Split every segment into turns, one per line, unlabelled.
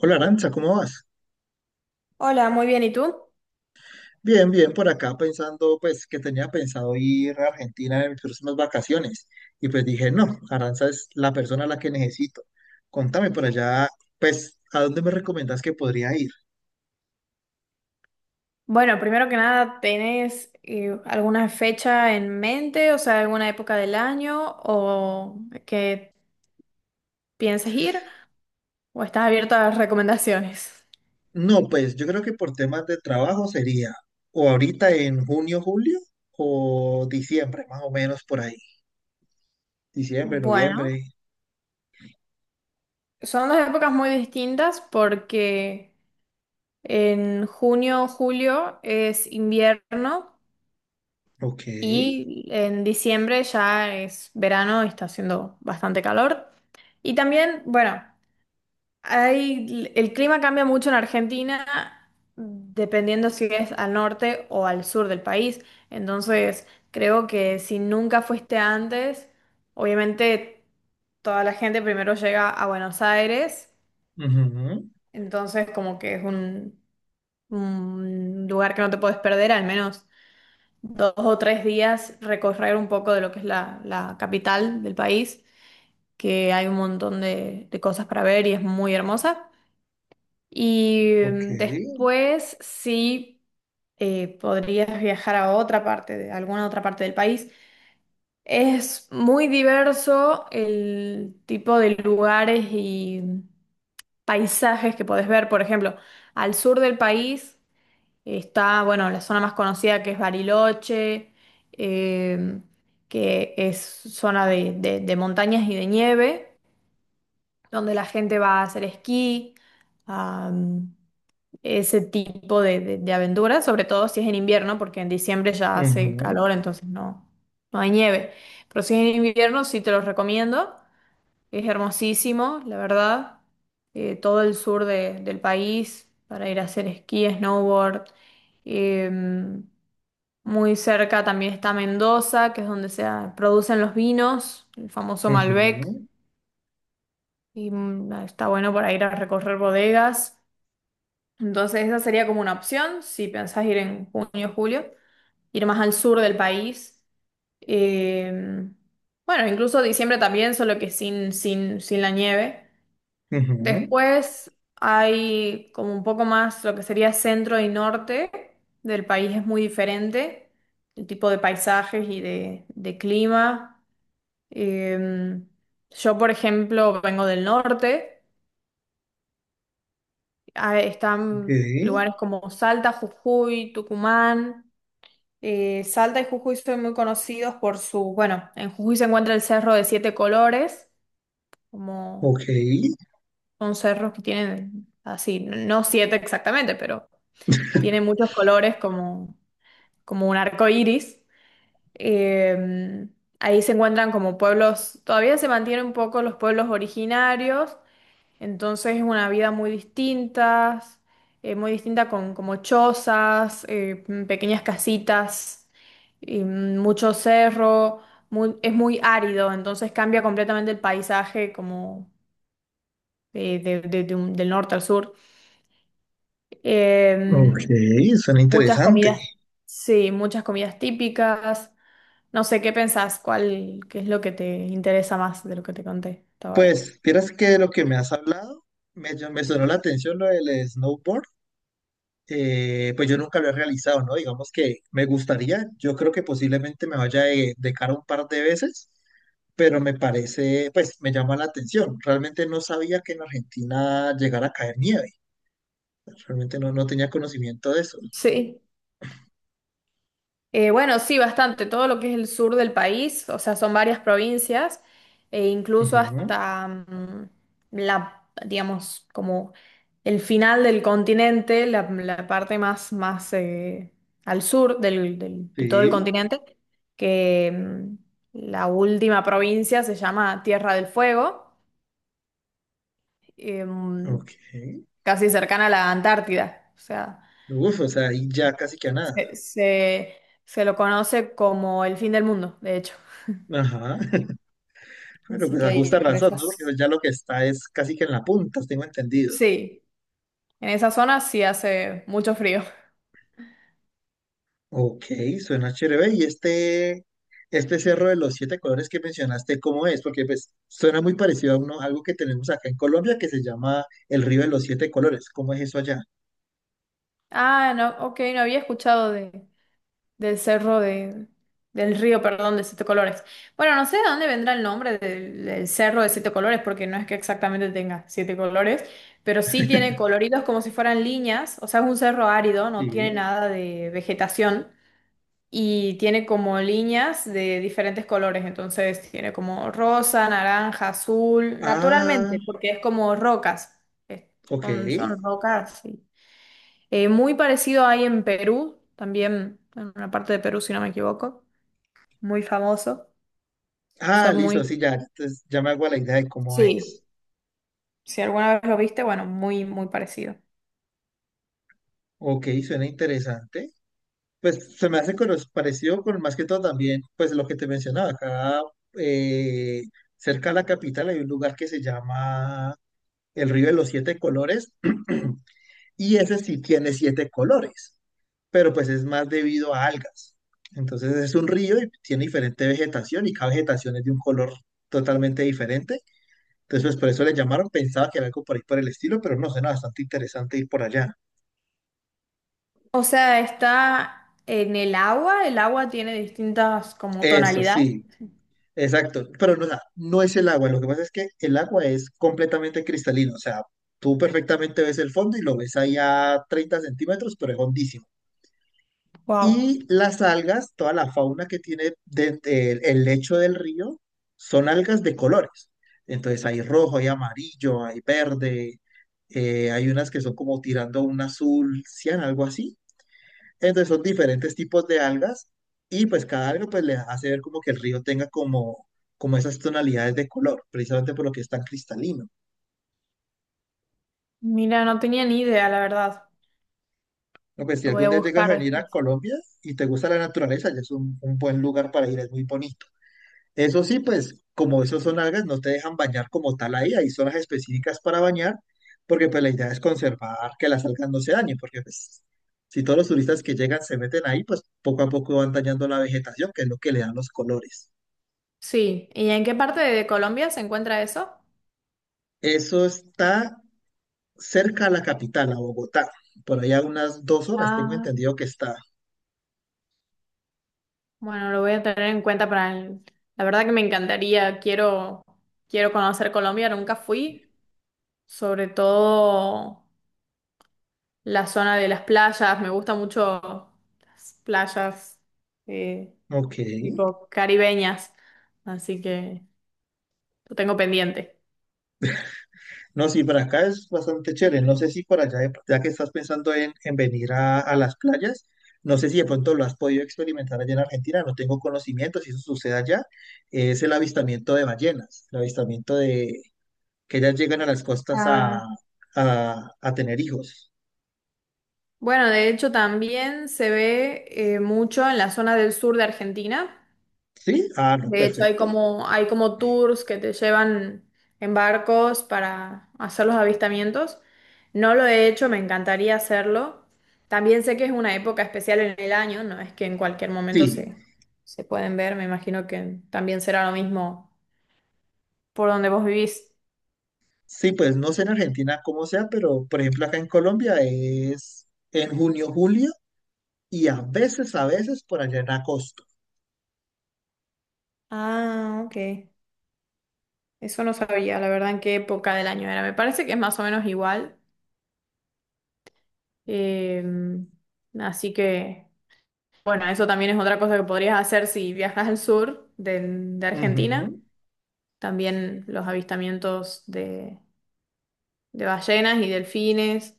Hola Arancha, ¿cómo vas?
Hola, muy bien, ¿y tú?
Bien, bien, por acá pensando, pues que tenía pensado ir a Argentina en mis próximas vacaciones. Y pues dije, no, Aranza es la persona a la que necesito. Contame por allá, pues, ¿a dónde me recomiendas que podría ir?
Bueno, primero que nada, ¿tenés alguna fecha en mente? O sea, ¿alguna época del año o que pienses ir o estás abierto a las recomendaciones?
No, pues yo creo que por temas de trabajo sería o ahorita en junio, julio o diciembre, más o menos por ahí. Diciembre,
Bueno,
noviembre.
son dos épocas muy distintas porque en junio, julio es invierno
Ok.
y en diciembre ya es verano y está haciendo bastante calor. Y también, bueno, hay, el clima cambia mucho en Argentina dependiendo si es al norte o al sur del país. Entonces, creo que si nunca fuiste antes, obviamente toda la gente primero llega a Buenos Aires.
Ujú.
Entonces, como que es un lugar que no te puedes perder, al menos dos o tres días recorrer un poco de lo que es la capital del país, que hay un montón de cosas para ver y es muy hermosa. Y
Ok.
después sí podrías viajar a otra parte, de alguna otra parte del país. Es muy diverso el tipo de lugares y paisajes que podés ver. Por ejemplo, al sur del país está, bueno, la zona más conocida, que es Bariloche, eh, que es zona de, de montañas y de nieve, donde la gente va a hacer esquí, ese tipo de, de aventuras, sobre todo si es en invierno, porque en diciembre ya hace
Ujú,
calor, entonces no, no hay nieve. Pero si es en invierno, sí te los recomiendo. Es hermosísimo, la verdad. Todo el sur del país para ir a hacer esquí, snowboard. Eh, Muy cerca también está Mendoza, que es donde se producen los vinos, el famoso Malbec.
ujú,
Y está bueno para ir a recorrer bodegas. Entonces esa sería como una opción si pensás ir en junio o julio, ir más al sur del país. Eh, bueno, incluso diciembre también, solo que sin la nieve.
ujú.
Después hay como un poco más lo que sería centro y norte del país es muy diferente, el tipo de paisajes y de clima. Eh, yo, por ejemplo, vengo del norte. Ah,
Ok.
están lugares como Salta, Jujuy, Tucumán. Salta y Jujuy son muy conocidos por su, bueno, en Jujuy se encuentra el Cerro de Siete Colores, como
Ok.
son cerros que tienen así, no siete exactamente, pero tienen muchos colores como, como un arco iris. Eh, Ahí se encuentran como pueblos, todavía se mantienen un poco los pueblos originarios. Entonces es una vida muy distinta, muy distinta, con como chozas, pequeñas casitas, y, mucho cerro, es muy árido, entonces cambia completamente el paisaje, como del norte al sur.
Ok,
Eh,
suena
Muchas
interesante.
comidas, sí, muchas comidas típicas. No sé, ¿qué pensás? ¿Cuál, qué es lo que te interesa más de lo que te conté hasta ahora?
Pues, vieras que de lo que me has hablado, me sonó la atención lo del snowboard. Pues yo nunca lo he realizado, ¿no? Digamos que me gustaría, yo creo que posiblemente me vaya de cara un par de veces, pero me parece, pues me llama la atención. Realmente no sabía que en Argentina llegara a caer nieve. Realmente no, no tenía conocimiento de eso.
Sí. Bueno, sí, bastante. Todo lo que es el sur del país, o sea, son varias provincias, e incluso
Ujú.
hasta la, digamos, como el final del continente, la parte más, más al sur de todo el
Sí,
continente, que la última provincia se llama Tierra del Fuego,
ok.
em, casi cercana a la Antártida. O sea,
Uf, o sea, ahí ya casi que a nada.
se, se se lo conoce como el fin del mundo, de hecho.
Ajá. Pero
Así
pues
que
a justa
ahí por
razón, ¿no? Porque
esas,
pues ya lo que está es casi que en la punta, tengo entendido.
sí, en esa zona sí hace mucho frío.
Ok, suena chévere. Y este cerro de los siete colores que mencionaste, ¿cómo es? Porque pues suena muy parecido a uno, algo que tenemos acá en Colombia que se llama el río de los siete colores. ¿Cómo es eso allá?
Ah, no, ok, no había escuchado de, del cerro de, del río, perdón, de Siete Colores. Bueno, no sé de dónde vendrá el nombre del, del cerro de Siete Colores, porque no es que exactamente tenga siete colores, pero sí tiene coloridos como si fueran líneas, o sea, es un cerro árido, no tiene
Sí.
nada de vegetación. Y tiene como líneas de diferentes colores, entonces tiene como rosa, naranja, azul,
Ah,
naturalmente, porque es como rocas, eh,
ok.
son, son rocas, sí. Muy parecido hay en Perú, también en una parte de Perú, si no me equivoco, muy famoso,
Ah,
son
listo, sí,
muy,
ya. Entonces ya me hago a la idea de cómo
sí,
es.
si alguna vez lo viste, bueno, muy, muy parecido.
Ok, suena interesante. Pues se me hace con los- parecido con más que todo también, pues lo que te mencionaba, acá eh, cerca de la capital hay un lugar que se llama el Río de los Siete Colores y ese sí tiene siete colores, pero pues es más debido a algas. Entonces es un río y tiene diferente vegetación y cada vegetación es de un color totalmente diferente. Entonces pues por eso le llamaron, pensaba que era algo por ahí por el estilo, pero no, suena bastante interesante ir por allá.
O sea, está en el agua tiene distintas como
Eso
tonalidades.
sí. Exacto, pero no, o sea, no es el agua, lo que pasa es que el agua es completamente cristalino, o sea, tú perfectamente ves el fondo y lo ves ahí a 30 centímetros, pero es hondísimo.
Wow.
Y las algas, toda la fauna que tiene el lecho del río, son algas de colores. Entonces hay rojo, hay amarillo, hay verde, hay unas que son como tirando a un azul cian, algo así. Entonces son diferentes tipos de algas y pues cada alga pues le hace ver como que el río tenga como, como esas tonalidades de color, precisamente por lo que es tan cristalino.
Mira, no tenía ni idea, la verdad.
No, pues si
Lo voy
algún
a
día llegas
buscar
a venir a
después.
Colombia y te gusta la naturaleza, ya es un buen lugar para ir, es muy bonito. Eso sí, pues como esos son algas, no te dejan bañar como tal ahí, hay zonas específicas para bañar, porque pues la idea es conservar que las algas no se dañen, porque pues si todos los turistas que llegan se meten ahí, pues poco a poco van dañando la vegetación, que es lo que le dan los colores.
Sí. ¿Y en qué parte de Colombia se encuentra eso?
Eso está cerca a la capital, a Bogotá. Por allá unas dos horas, tengo
Ah,
entendido que está.
bueno, lo voy a tener en cuenta para el... La verdad que me encantaría, quiero, quiero conocer Colombia, nunca fui, sobre todo la zona de las playas, me gusta mucho las playas, eh,
Ok.
tipo caribeñas, así que lo tengo pendiente.
No, sí, para acá es bastante chévere. No sé si por allá, de- ya que estás pensando en venir a las playas, no sé si de pronto lo has podido experimentar allá en Argentina. No tengo conocimiento si eso sucede allá. Es el avistamiento de ballenas, el avistamiento de que ellas llegan a las costas
Ah,
a tener hijos.
bueno, de hecho también se ve mucho en la zona del sur de Argentina.
¿Sí? Ah, no,
De hecho,
perfecto.
hay como tours que te llevan en barcos para hacer los avistamientos. No lo he hecho, me encantaría hacerlo. También sé que es una época especial en el año, no es que en cualquier momento
Sí.
se pueden ver, me imagino que también será lo mismo por donde vos vivís.
Sí, pues no sé en Argentina cómo sea, pero por ejemplo acá en Colombia es en junio, julio y a veces por allá en agosto.
Ah, ok. Eso no sabía, la verdad, en qué época del año era. Me parece que es más o menos igual. Em, Así que... Bueno, eso también es otra cosa que podrías hacer si viajas al sur de Argentina.
Ujú.
También los avistamientos de ballenas y delfines.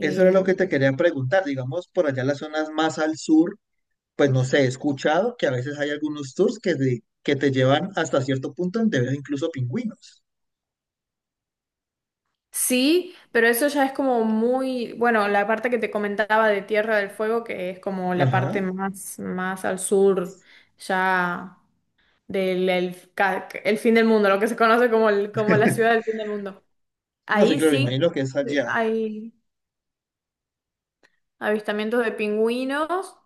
Eso era lo que te quería preguntar. Digamos, por allá las zonas más al sur, pues no sé, he escuchado que a veces hay algunos tours que te llevan hasta cierto punto donde ves incluso pingüinos.
sí, pero eso ya es como muy, bueno, la parte que te comentaba de Tierra del Fuego, que es como la
Ajá.
parte más, más al sur, ya el fin del mundo, lo que se conoce como, como la ciudad del fin del mundo.
No sé,
Ahí
claro,
sí
imagino que es allá.
hay avistamientos de pingüinos.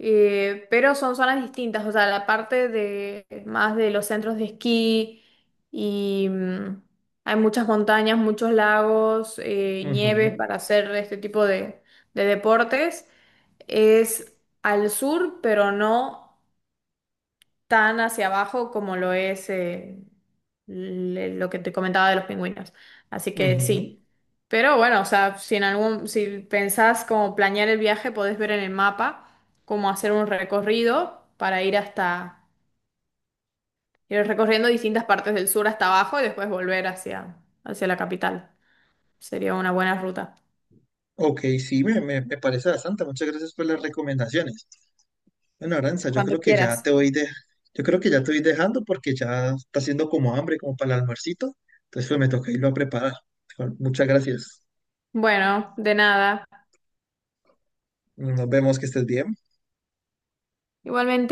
Pero son zonas distintas, o sea, la parte de más de los centros de esquí y hay muchas montañas, muchos lagos, nieves
Ujú,
para hacer este tipo de deportes. Es al sur, pero no tan hacia abajo como lo es lo que te comentaba de los pingüinos. Así que
ujú.
sí. Pero bueno, o sea, si en algún, si pensás como planear el viaje, podés ver en el mapa cómo hacer un recorrido para ir hasta, ir recorriendo distintas partes del sur hasta abajo y después volver hacia, hacia la capital. Sería una buena ruta.
Ok, sí, me parece bastante. Muchas gracias por las recomendaciones. Bueno, Aranza, yo
Cuando
creo que ya te
quieras.
voy de, yo creo que ya te voy dejando porque ya está haciendo como hambre, como para el almuercito. Entonces, pues me toca irlo a preparar. Muchas gracias.
Bueno, de nada.
Nos vemos, que estés bien.
Igualmente.